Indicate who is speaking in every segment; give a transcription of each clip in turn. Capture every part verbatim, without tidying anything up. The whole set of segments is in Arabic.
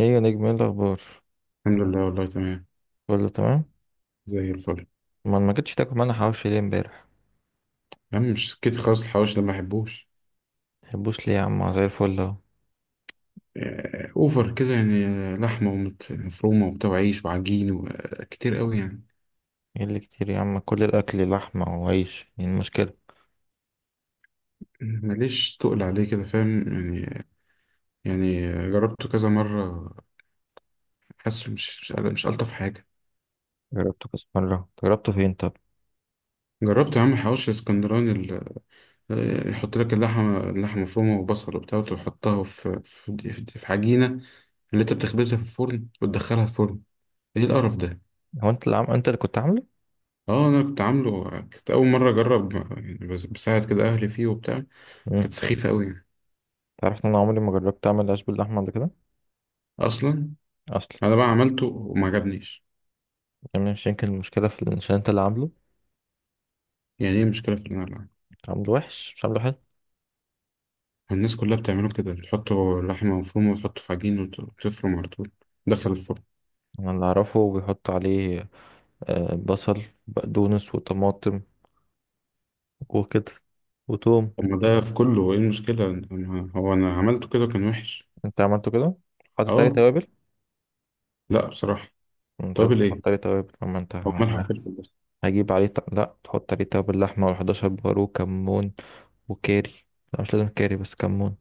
Speaker 1: ايه يا نجم، ايه الاخبار؟
Speaker 2: الحمد لله والله تمام.
Speaker 1: كله تمام.
Speaker 2: زي الفل.
Speaker 1: ما ما جيتش تاكل معانا حواوشي ليه امبارح؟
Speaker 2: يا عم مش سكتي خالص، الحواوشي ده ما بحبوش.
Speaker 1: تحبوش ليه يا عم؟ زي الفل اهو.
Speaker 2: آه، اوفر كده يعني، آه، لحمه ومت- مفرومه وبتاع وعيش وعجين وكتير قوي يعني.
Speaker 1: ايه اللي كتير يا عم؟ كل الاكل لحمه وعيش، ايه المشكله؟
Speaker 2: ماليش تقل عليه كده، فاهم؟ يعني يعني آه، جربته كذا مره. حاسه مش مش قادر- مش الطف حاجه.
Speaker 1: جربته كذا مره، جربته فين طب؟
Speaker 2: جربت يا عم الحواوشي الاسكندراني، ال- آه، يحط لك اللحمه اللحمه مفرومه وبصل وبتاع وتحطها في في في في عجينه، اللي انت بتخبزها في الفرن وتدخلها الفرن. ايه القرف ده؟
Speaker 1: هو انت اللي عم... انت اللي كنت عامله؟
Speaker 2: اه، انا كنت عامله، كنت اول مره اجرب يعني، بس- بساعد كده اهلي فيه وبتاع.
Speaker 1: امم
Speaker 2: كانت سخيفه قوي يعني.
Speaker 1: تعرف ان انا عمري ما جربت اعمل عيش باللحمه قبل كده
Speaker 2: اصلا
Speaker 1: اصلا؟
Speaker 2: انا بقى عملته وما عجبنيش.
Speaker 1: يعني مش يمكن المشكله في إن- عشان انت اللي عامله؟
Speaker 2: يعني ايه المشكله في اللي انا بعمله؟
Speaker 1: عامله وحش مش عامله حلو.
Speaker 2: الناس كلها بتعمله كده، بتحطه لحمه مفرومه وتحطه في عجين وت- وتفرم على طول، دخل الفرن.
Speaker 1: انا اللي اعرفه بيحط عليه آه، بصل، بقدونس، وطماطم، وكده، وتوم.
Speaker 2: طب ما ده في كله، ايه المشكله؟ أنا- هو انا عملته كده كان وحش.
Speaker 1: انت عملته كده؟ حاطط عليه
Speaker 2: اه.
Speaker 1: توابل؟
Speaker 2: لا بصراحه.
Speaker 1: انت
Speaker 2: طب
Speaker 1: لازم
Speaker 2: ايه؟
Speaker 1: تحط عليه توابل. اما انت
Speaker 2: هو ملح
Speaker 1: ه-
Speaker 2: وفلفل بس.
Speaker 1: هجيب عليه ط... لا، تحط عليه توابل لحمة، و11 بهار، وكمون، وكاري. لا، مش لازم كاري، بس كمون.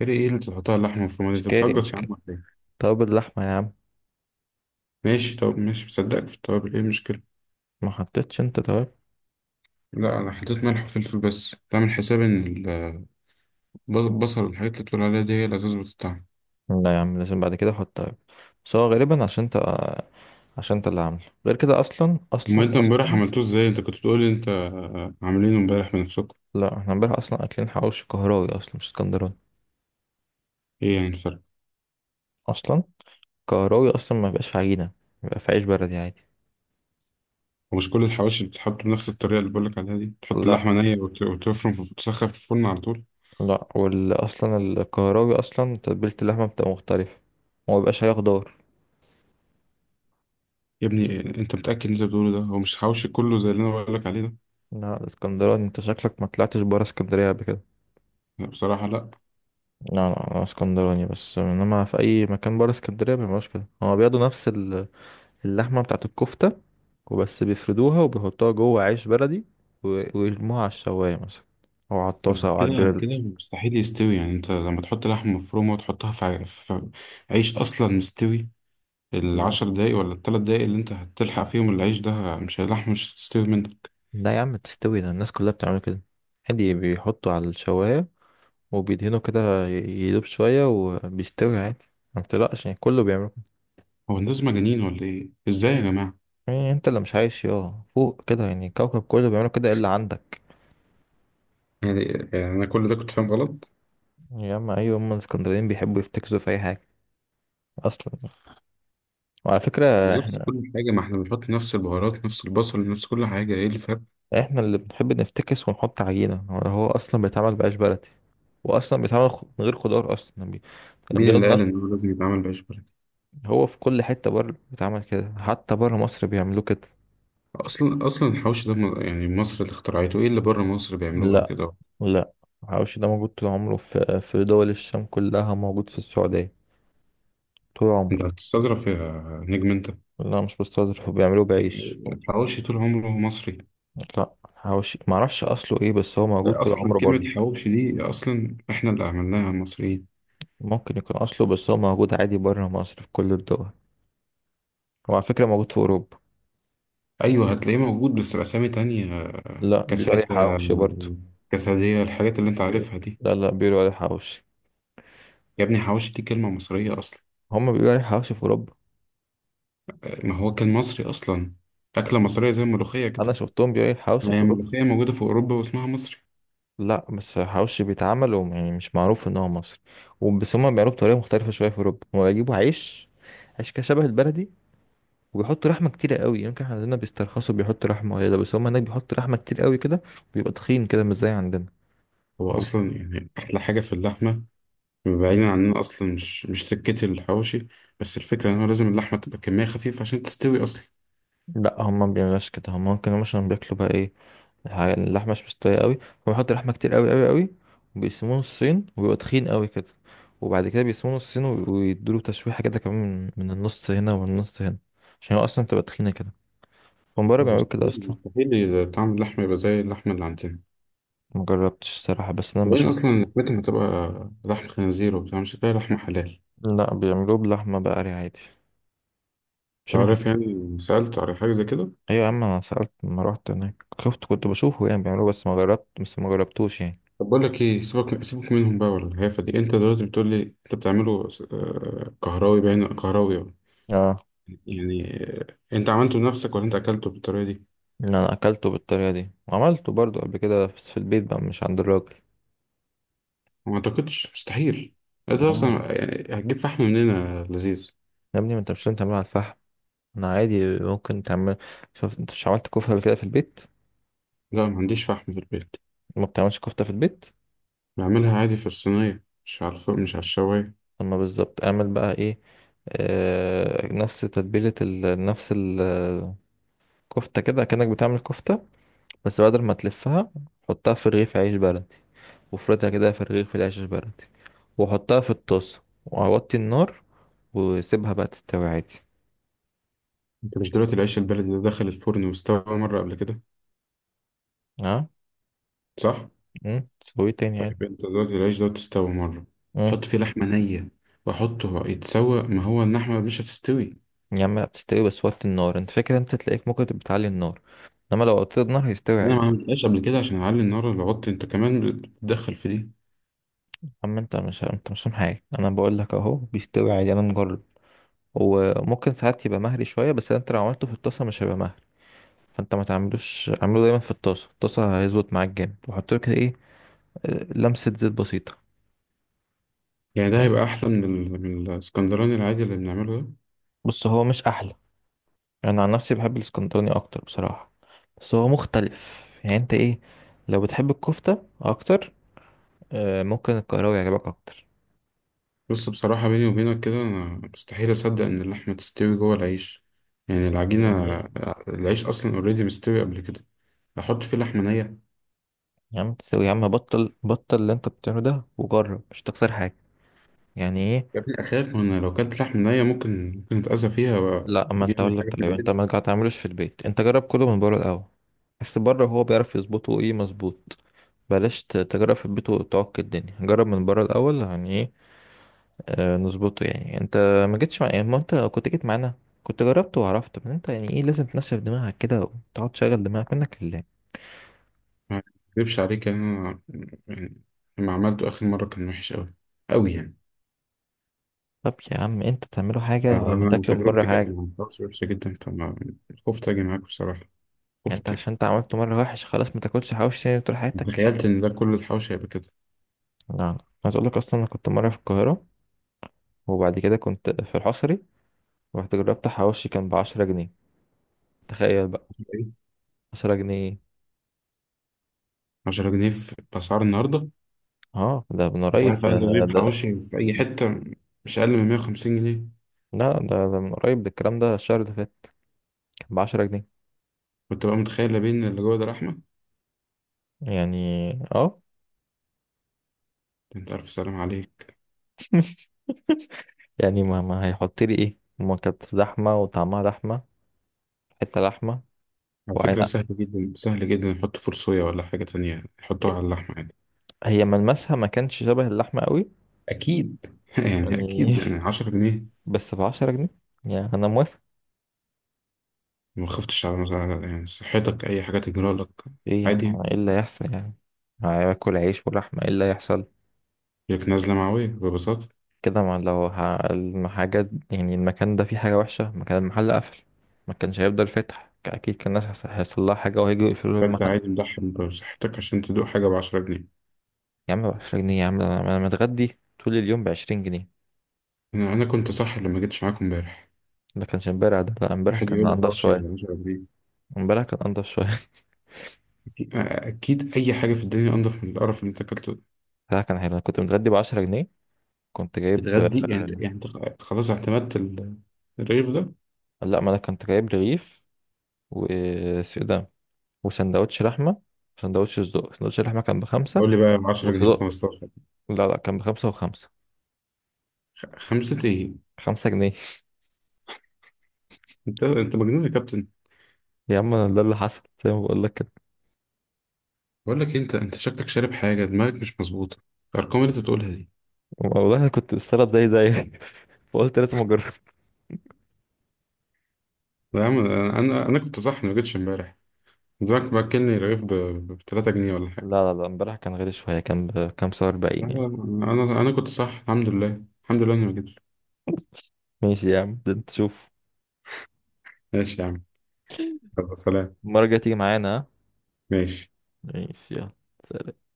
Speaker 2: ايه ايه اللي بتحطها على اللحمه المفرومه دي؟
Speaker 1: مش
Speaker 2: انت
Speaker 1: كاري،
Speaker 2: بتهجص
Speaker 1: مش
Speaker 2: يا عم
Speaker 1: كاري،
Speaker 2: ولا ايه؟
Speaker 1: توابل لحمة يا عم.
Speaker 2: ماشي، طب ماشي، بصدقك في التوابل، ايه المشكله؟
Speaker 1: ما حطيتش انت توابل؟
Speaker 2: لا انا حطيت ملح وفلفل بس، بعمل حساب ان ال- البصل والحاجات اللي بتقول عليها دي هي اللي هتظبط الطعم.
Speaker 1: لا يا عم، لازم بعد كده احط توابل. بس هو غالبا عشان انت، عشان انت اللي عامله غير كده اصلا.
Speaker 2: امال
Speaker 1: اصلا
Speaker 2: انت امبارح
Speaker 1: اصلا
Speaker 2: عملتوه ازاي؟ انت كنت بتقول لي انت عاملينه امبارح بنفسكم.
Speaker 1: لا احنا امبارح اصلا اكلين حواوشي قهراوي اصلا، مش اسكندراني
Speaker 2: ايه يعني الفرق؟
Speaker 1: اصلا. قهراوي اصلا ما بيبقاش في عجينة، بيبقى في عيش بلدي عادي.
Speaker 2: ومش كل الحواشي بتتحط بنفس الطريقه اللي بقولك عليها دي، تحط
Speaker 1: لا
Speaker 2: اللحمه نيه وت- وتفرم في تسخن في الفرن على طول؟
Speaker 1: لا وال اصلا الكهراوي اصلا تتبيلة اللحمة بتبقى مختلفة، وما بيبقاش عليها خضار.
Speaker 2: يا ابني إيه- انت متاكد ان انت بتقوله ده هو مش حواشي كله زي اللي انا بقولك عليه ده؟
Speaker 1: لا الاسكندراني، انت شكلك ما طلعتش برا اسكندرية قبل كده.
Speaker 2: لا بصراحه، لا.
Speaker 1: لا لا انا اسكندراني، بس انما في اي مكان برا اسكندرية مبيبقاش كده. هما بياخدوا نفس ال- اللحمة بتاعت الكفتة وبس، بيفردوها وبيحطوها جوه عيش بلدي، و- ويرموها على الشواية مثلا، او على
Speaker 2: طب
Speaker 1: الطاسة، او على
Speaker 2: كده
Speaker 1: الجريل.
Speaker 2: كده مستحيل يستوي. يعني انت لما تحط لحمه مفرومه وتحطها في ع- في- في عيش اصلا مستوي،
Speaker 1: لا
Speaker 2: العشر دقايق ولا التلات دقايق اللي انت هتلحق فيهم العيش ده، مش هيلحق، مش هتستوي منك.
Speaker 1: لا يا عم تستوي، ده الناس كلها بتعمل كده عادي. بيحطوا على الشواية وبيدهنوا كده ي- يدوب شوية، وبيستوي عادي. ما بتقلقش يعني، كله بيعملوا كده.
Speaker 2: هو الناس مجانين ولا ايه؟ ازاي يا جماعة؟
Speaker 1: يعني انت اللي مش عايش يا فوق كده؟ يعني الكوكب كله بيعملوا كده الا عندك.
Speaker 2: يعني يعني انا كل ده كنت فاهم غلط؟
Speaker 1: يا اما ايوه، هم الاسكندرانيين بيحبوا يفتكسوا في اي حاجة اصلا. وعلى فكرة
Speaker 2: نفس
Speaker 1: احنا،
Speaker 2: كل حاجة، ما احنا بنحط نفس البهارات، نفس البصل، نفس كل حاجة، ايه الفرق؟
Speaker 1: احنا اللي بنحب نفتكس ونحط عجينة. هو هو اصلا بيتعمل بعيش بلدي، واصلا بيتعمل خ- من غير خضار اصلا. يعني بي... كان
Speaker 2: مين
Speaker 1: بياخد
Speaker 2: اللي قال ان
Speaker 1: نفس-
Speaker 2: هو لازم يتعمل بعيش بلدي؟
Speaker 1: هو في كل حتة بره بيتعمل كده، حتى بره مصر بيعملوه كده.
Speaker 2: اصلا، اصلا الحوش ده م- يعني مصر اللي اخترعته، ايه اللي بره مصر بيعملوه
Speaker 1: لا
Speaker 2: كده؟
Speaker 1: لا الحواوشي ده موجود طول عمره في في دول الشام كلها، موجود في السعودية طول عمره.
Speaker 2: انت هتستظرف يا نجم انت؟
Speaker 1: لا مش بستظرف، بيعملوه بعيش.
Speaker 2: الحواوشي طول عمره مصري.
Speaker 1: لا حواوشي ما اعرفش اصله ايه، بس هو موجود
Speaker 2: ده
Speaker 1: طول
Speaker 2: اصلا
Speaker 1: عمره
Speaker 2: كلمة
Speaker 1: بره.
Speaker 2: حواوشي دي اصلا احنا اللي عملناها مصريين.
Speaker 1: ممكن يكون اصله، بس هو موجود عادي بره مصر في كل الدول. وعلى فكرة موجود في اوروبا.
Speaker 2: ايوه، هتلاقيه موجود بس باسامي تانية.
Speaker 1: لا بيقولوا عليه
Speaker 2: كاسات،
Speaker 1: حواوشي برضه.
Speaker 2: آم، كاسادية، الحاجات اللي انت
Speaker 1: بيقولوا-
Speaker 2: عارفها دي.
Speaker 1: لا لا بيقولوا عليه حواوشي.
Speaker 2: يا ابني حواوشي دي كلمة مصرية اصلا.
Speaker 1: هم بيقولوا عليه حواوشي في اوروبا.
Speaker 2: ما هو كان مصري اصلا، اكلة مصرية زي الملوخية كده.
Speaker 1: انا شفتهم بيقولوا عليه
Speaker 2: ما
Speaker 1: حواوشي
Speaker 2: هي
Speaker 1: في اوروبا.
Speaker 2: الملوخية موجودة في اوروبا واسمها مصري.
Speaker 1: لا بس حواوشي بيتعمل وم- يعني مش معروف ان هو مصري وبس. هم بيعملوه بطريقة مختلفة شوية في اوروبا، هم بيجيبوا عيش، عيش كده شبه البلدي، وبيحطوا رحمه كتيره قوي. يمكن احنا عندنا بيسترخصوا بيحطوا رحمه وهي ده، بس هم هناك بيحطوا رحمه كتير قوي كده. بيبقى تخين كده، مش زي عندنا.
Speaker 2: هو
Speaker 1: و-
Speaker 2: اصلا يعني احلى حاجة في اللحمة، بعيدا عننا اصلا، مش مش سكتي الحواوشي، بس الفكرة ان هو لازم اللحمة تبقى كمية خفيفة عشان تستوي اصلا.
Speaker 1: لا هم ما بيعملوش كده. هم ممكن هم مثلا بياكلوا بقى ايه، الحاجة- اللحمه مش مستويه قوي، فبيحطوا لحمه كتير قوي قوي قوي، وبيقسموه نصين، وبيبقى تخين قوي كده. وبعد كده بيقسموه نصين وي- ويدوله تشويحه كده كمان، من من النص هنا ومن النص هنا، عشان هو اصلا تبقى تخينه كده. هم بره بيعملوا كده
Speaker 2: مستحيل،
Speaker 1: اصلا.
Speaker 2: مستحيل طعم اللحمة يبقى زي اللحمة اللي عندنا.
Speaker 1: مجربتش الصراحه، بس انا
Speaker 2: وبعدين
Speaker 1: بشوف.
Speaker 2: اصلا لحمتهم هتبقى لحم خنزير وبتاع، مش هتلاقي لحمة حلال.
Speaker 1: لا بيعملوه بلحمه بقري عادي، مش.
Speaker 2: تعرف، يعني سألت على حاجة زي كده؟
Speaker 1: ايوه يا عم، انا سألت لما روحت هناك شفت، كنت بشوفه يعني بيعملوه، بس ما جربت، بس ما جربتوش يعني.
Speaker 2: طب بقول لك ايه، سيبك سيبك منهم بقى ولا الهيافة دي. انت دلوقتي بتقول لي انت بتعمله آه، كهراوي، باين كهراوي أهو.
Speaker 1: اه.
Speaker 2: يعني آه، انت عملته لنفسك ولا انت اكلته بالطريقة دي؟
Speaker 1: ان انا اكلته بالطريقة دي، وعملته برضو قبل كده بس في البيت بقى، مش عند الراجل.
Speaker 2: ما اعتقدش، مستحيل. انت اصلا
Speaker 1: آه.
Speaker 2: يعني هتجيب فحم منين يا لذيذ؟
Speaker 1: يا ابني ما انت مش لازم تعمله على الفحم. انا عادي ممكن تعمل، شوف، انت مش عملت كفتة قبل كده في البيت؟
Speaker 2: لا، ما عنديش فحم في البيت.
Speaker 1: ما بتعملش كفتة في البيت؟
Speaker 2: بعملها عادي في الصينية، مش على الفرن، مش على الشواية.
Speaker 1: اما بالظبط اعمل بقى ايه. آه، نفس تتبيلة ال... نفس الكفتة، كده كأنك بتعمل كفتة، بس بدل ما تلفها حطها في رغيف عيش بلدي، وافردها كده في رغيف العيش البلدي، واحطها في الطاسة، واوطي النار، واسيبها بقى تستوي عادي.
Speaker 2: انت مش دلوقتي العيش البلدي ده دخل الفرن واستوى مرة قبل كده؟
Speaker 1: اه.
Speaker 2: صح.
Speaker 1: امم، تسوي تاني عادي.
Speaker 2: طيب انت دلوقتي العيش ده تستوي مرة،
Speaker 1: امم.
Speaker 2: حط فيه لحمة نية، واحطه يتسوى، ما هو اللحمة مش هتستوي.
Speaker 1: يا عم لا، بتستوي بس وطي النار. انت فاكر انت تلاقيك ممكن تبقى بتعلي النار، انما لو وطيت النار هيستوي
Speaker 2: انا
Speaker 1: عادي.
Speaker 2: ما عملتهاش قبل كده عشان اعلي النار اللي عط انت كمان بتدخل في دي.
Speaker 1: اما انت مش، انت مش فاهم حاجة. انا بقول لك اهو بيستوي عادي، انا مجرب. وممكن ساعات يبقى مهري شوية، بس انت لو عملته في الطاسة مش هيبقى مهري. فانت ما تعملوش، اعمله دايما في الطاسة. الطاسة هيظبط معاك جامد، وحط له كده ايه، آه، لمسة زيت بسيطة.
Speaker 2: يعني ده هيبقى احلى من, ال... من الاسكندراني العادي اللي بنعمله ده؟
Speaker 1: بص هو مش احلى، انا عن نفسي بحب الاسكندراني اكتر بصراحه، بس هو مختلف يعني. انت ايه، لو بتحب الكفته اكتر، آه، ممكن القاهره يعجبك اكتر.
Speaker 2: بص بصراحة بيني وبينك كده، انا مستحيل اصدق ان اللحمة تستوي جوه العيش، يعني
Speaker 1: يعني
Speaker 2: العجينة.
Speaker 1: ايه؟
Speaker 2: العيش اصلا اوريدي مستوي قبل كده، احط فيه لحمة نية.
Speaker 1: يا عم تسوي. يا عم بطل، بطل اللي انت بتعمله ده وجرب، مش تخسر حاجه. يعني ايه؟
Speaker 2: يا ابني اخاف، ما انا لو كلت لحمة نية ممكن ممكن اتأذى فيها
Speaker 1: لا، ما انت
Speaker 2: ويجيلي
Speaker 1: اقول
Speaker 2: حاجة
Speaker 1: لك،
Speaker 2: في
Speaker 1: طيب انت
Speaker 2: معدتي.
Speaker 1: ما تعملوش في البيت، انت جرب كله من بره الاول. بس بره هو بيعرف يظبطه ايه، مظبوط. بلاش ت- تجرب في البيت وتعك الدنيا، جرب من بره الاول. يعني ايه، آه، نظبطه يعني. انت ما جيتش مع يعني، ما انت لو كنت جيت معانا كنت جربت وعرفت. بس انت يعني ايه، لازم تنشف دماغك كده وتقعد تشغل دماغك منك لله.
Speaker 2: ما اكذبش عليك انا، يعني لما عملته اخر مره كان وحش قوي، قوي يعني.
Speaker 1: طب يا عم انت تعمله حاجة، ولما
Speaker 2: فانا
Speaker 1: تاكله من بره
Speaker 2: تجربتي كانت
Speaker 1: حاجة.
Speaker 2: مع الحوش وحشه جدا، فما خفت اجي معاك بصراحه،
Speaker 1: يعني انت
Speaker 2: خفت يعني.
Speaker 1: عشان انت عملته مرة وحش خلاص ما تاكلش حواوشي تاني طول حياتك يعني؟
Speaker 2: تخيلت ان ده كل الحوش هيبقى كده.
Speaker 1: لا، عايز اقول لك اصلا، انا كنت مرة في القاهرة، وبعد كده كنت في الحصري، رحت جربت حواوشي كان بعشرة جنيه. تخيل بقى،
Speaker 2: ايه،
Speaker 1: عشرة جنيه.
Speaker 2: عشرة جنيه في باسعار النهارده؟
Speaker 1: اه ده من
Speaker 2: انت
Speaker 1: قريب
Speaker 2: عارف
Speaker 1: ده.
Speaker 2: اقل رغيف
Speaker 1: ده
Speaker 2: حواشي في اي حته؟ مش اقل من مية وخمسين جنيه.
Speaker 1: لا ده, ده من قريب ده الكلام ده، الشهر اللي فات كان بعشرة جنيه.
Speaker 2: كنت بقى متخيل لا بين اللي جوه ده رحمه.
Speaker 1: يعني اه.
Speaker 2: انت عارف، سلام عليك.
Speaker 1: يعني ما, ما هيحط لي ايه؟ ما كانت لحمه وطعمها لحمه، حته لحمه.
Speaker 2: على فكره،
Speaker 1: وعينها،
Speaker 2: سهل جدا سهل جدا يحطوا فول صويا ولا حاجه تانية يحطوها على اللحمه عادي.
Speaker 1: هي ملمسها ما كانش شبه اللحمه قوي
Speaker 2: اكيد يعني اكيد،
Speaker 1: يعني.
Speaker 2: يعني عشرة جنيه.
Speaker 1: بس ب عشرة جنيه يعني، انا موافق.
Speaker 2: ما خفتش على مز- يعني صحتك، أي حاجة تجرى لك.
Speaker 1: ايه يا
Speaker 2: عادي.
Speaker 1: عم، ايه اللي هيحصل يعني؟ هاكل عيش ولحمه، ايه اللي هيحصل؟
Speaker 2: لك نزلة معوية ببساطة.
Speaker 1: كده ما لو ه- الحاجات يعني المكان ده فيه حاجه وحشه، مكان المحل قفل، ما كانش هيفضل فاتح اكيد. كان الناس هيحص- هيحصل لها حاجه وهيجوا يقفلوا
Speaker 2: فأنت
Speaker 1: المحل.
Speaker 2: عادي مضحي بصحتك عشان تدوق حاجة بعشرة جنيه؟
Speaker 1: يا عم ب عشرة جنيه يا عم، ده انا أنا متغدي طول اليوم ب عشرين جنيه.
Speaker 2: أنا أنا كنت صح لما جيتش معاكم امبارح.
Speaker 1: ده كانش امبارح ده، لا امبارح
Speaker 2: واحد
Speaker 1: كان
Speaker 2: يقول لي
Speaker 1: انضف
Speaker 2: حواوشي
Speaker 1: شويه.
Speaker 2: ولا عشرة جنيه؟
Speaker 1: امبارح كان انضف شويه.
Speaker 2: أكيد، أكيد أي حاجة في الدنيا أنضف من القرف اللي أنت أكلته ده.
Speaker 1: امبارح كان حلو، انا كنت متغدي ب عشرة جنيه. كنت جايب آه،
Speaker 2: بتغدي يعني أنت، يعني أنت خلاص اعتمدت ال- الرغيف ده؟
Speaker 1: لا ما انا كنت جايب رغيف، واسمه إيه ده، وسندوتش لحمه، وسندوتش صدق. سندوتش اللحمه كان بخمسه،
Speaker 2: يقول لي بقى عشرة جنيه،
Speaker 1: وصدق.
Speaker 2: خمستاشر؟
Speaker 1: لا لا، كان بخمسه وخمسه.
Speaker 2: خ- خمسة إيه؟
Speaker 1: خمسة جنيه.
Speaker 2: أنت أنت مجنون يا كابتن.
Speaker 1: يا عم انا ده اللي حصل زي ما بقول لك كده.
Speaker 2: بقول لك إيه، أنت أنت شكلك شارب حاجة دماغك مش مظبوطة، الأرقام اللي أنت بتقولها دي.
Speaker 1: والله انا كنت مستغرب زي زي، فقلت لازم اجرب.
Speaker 2: يا عم انا انا كنت صح ما جيتش امبارح. زمانك باكلني رغيف ب ب ثلاثة جنيه ولا حاجه.
Speaker 1: لا لا لا امبارح كان غالي شويه، كان بكام، سعر
Speaker 2: لا،
Speaker 1: اربعين
Speaker 2: لا،
Speaker 1: يعني.
Speaker 2: انا انا كنت صح. الحمد لله، الحمد لله اني ما جيتش.
Speaker 1: ماشي يا عم، ده انت شوف.
Speaker 2: ماشي يا عم. يلا، سلام.
Speaker 1: المره الجايه تيجي معانا، ها؟
Speaker 2: ماشي.
Speaker 1: ماشي يلا، سلام.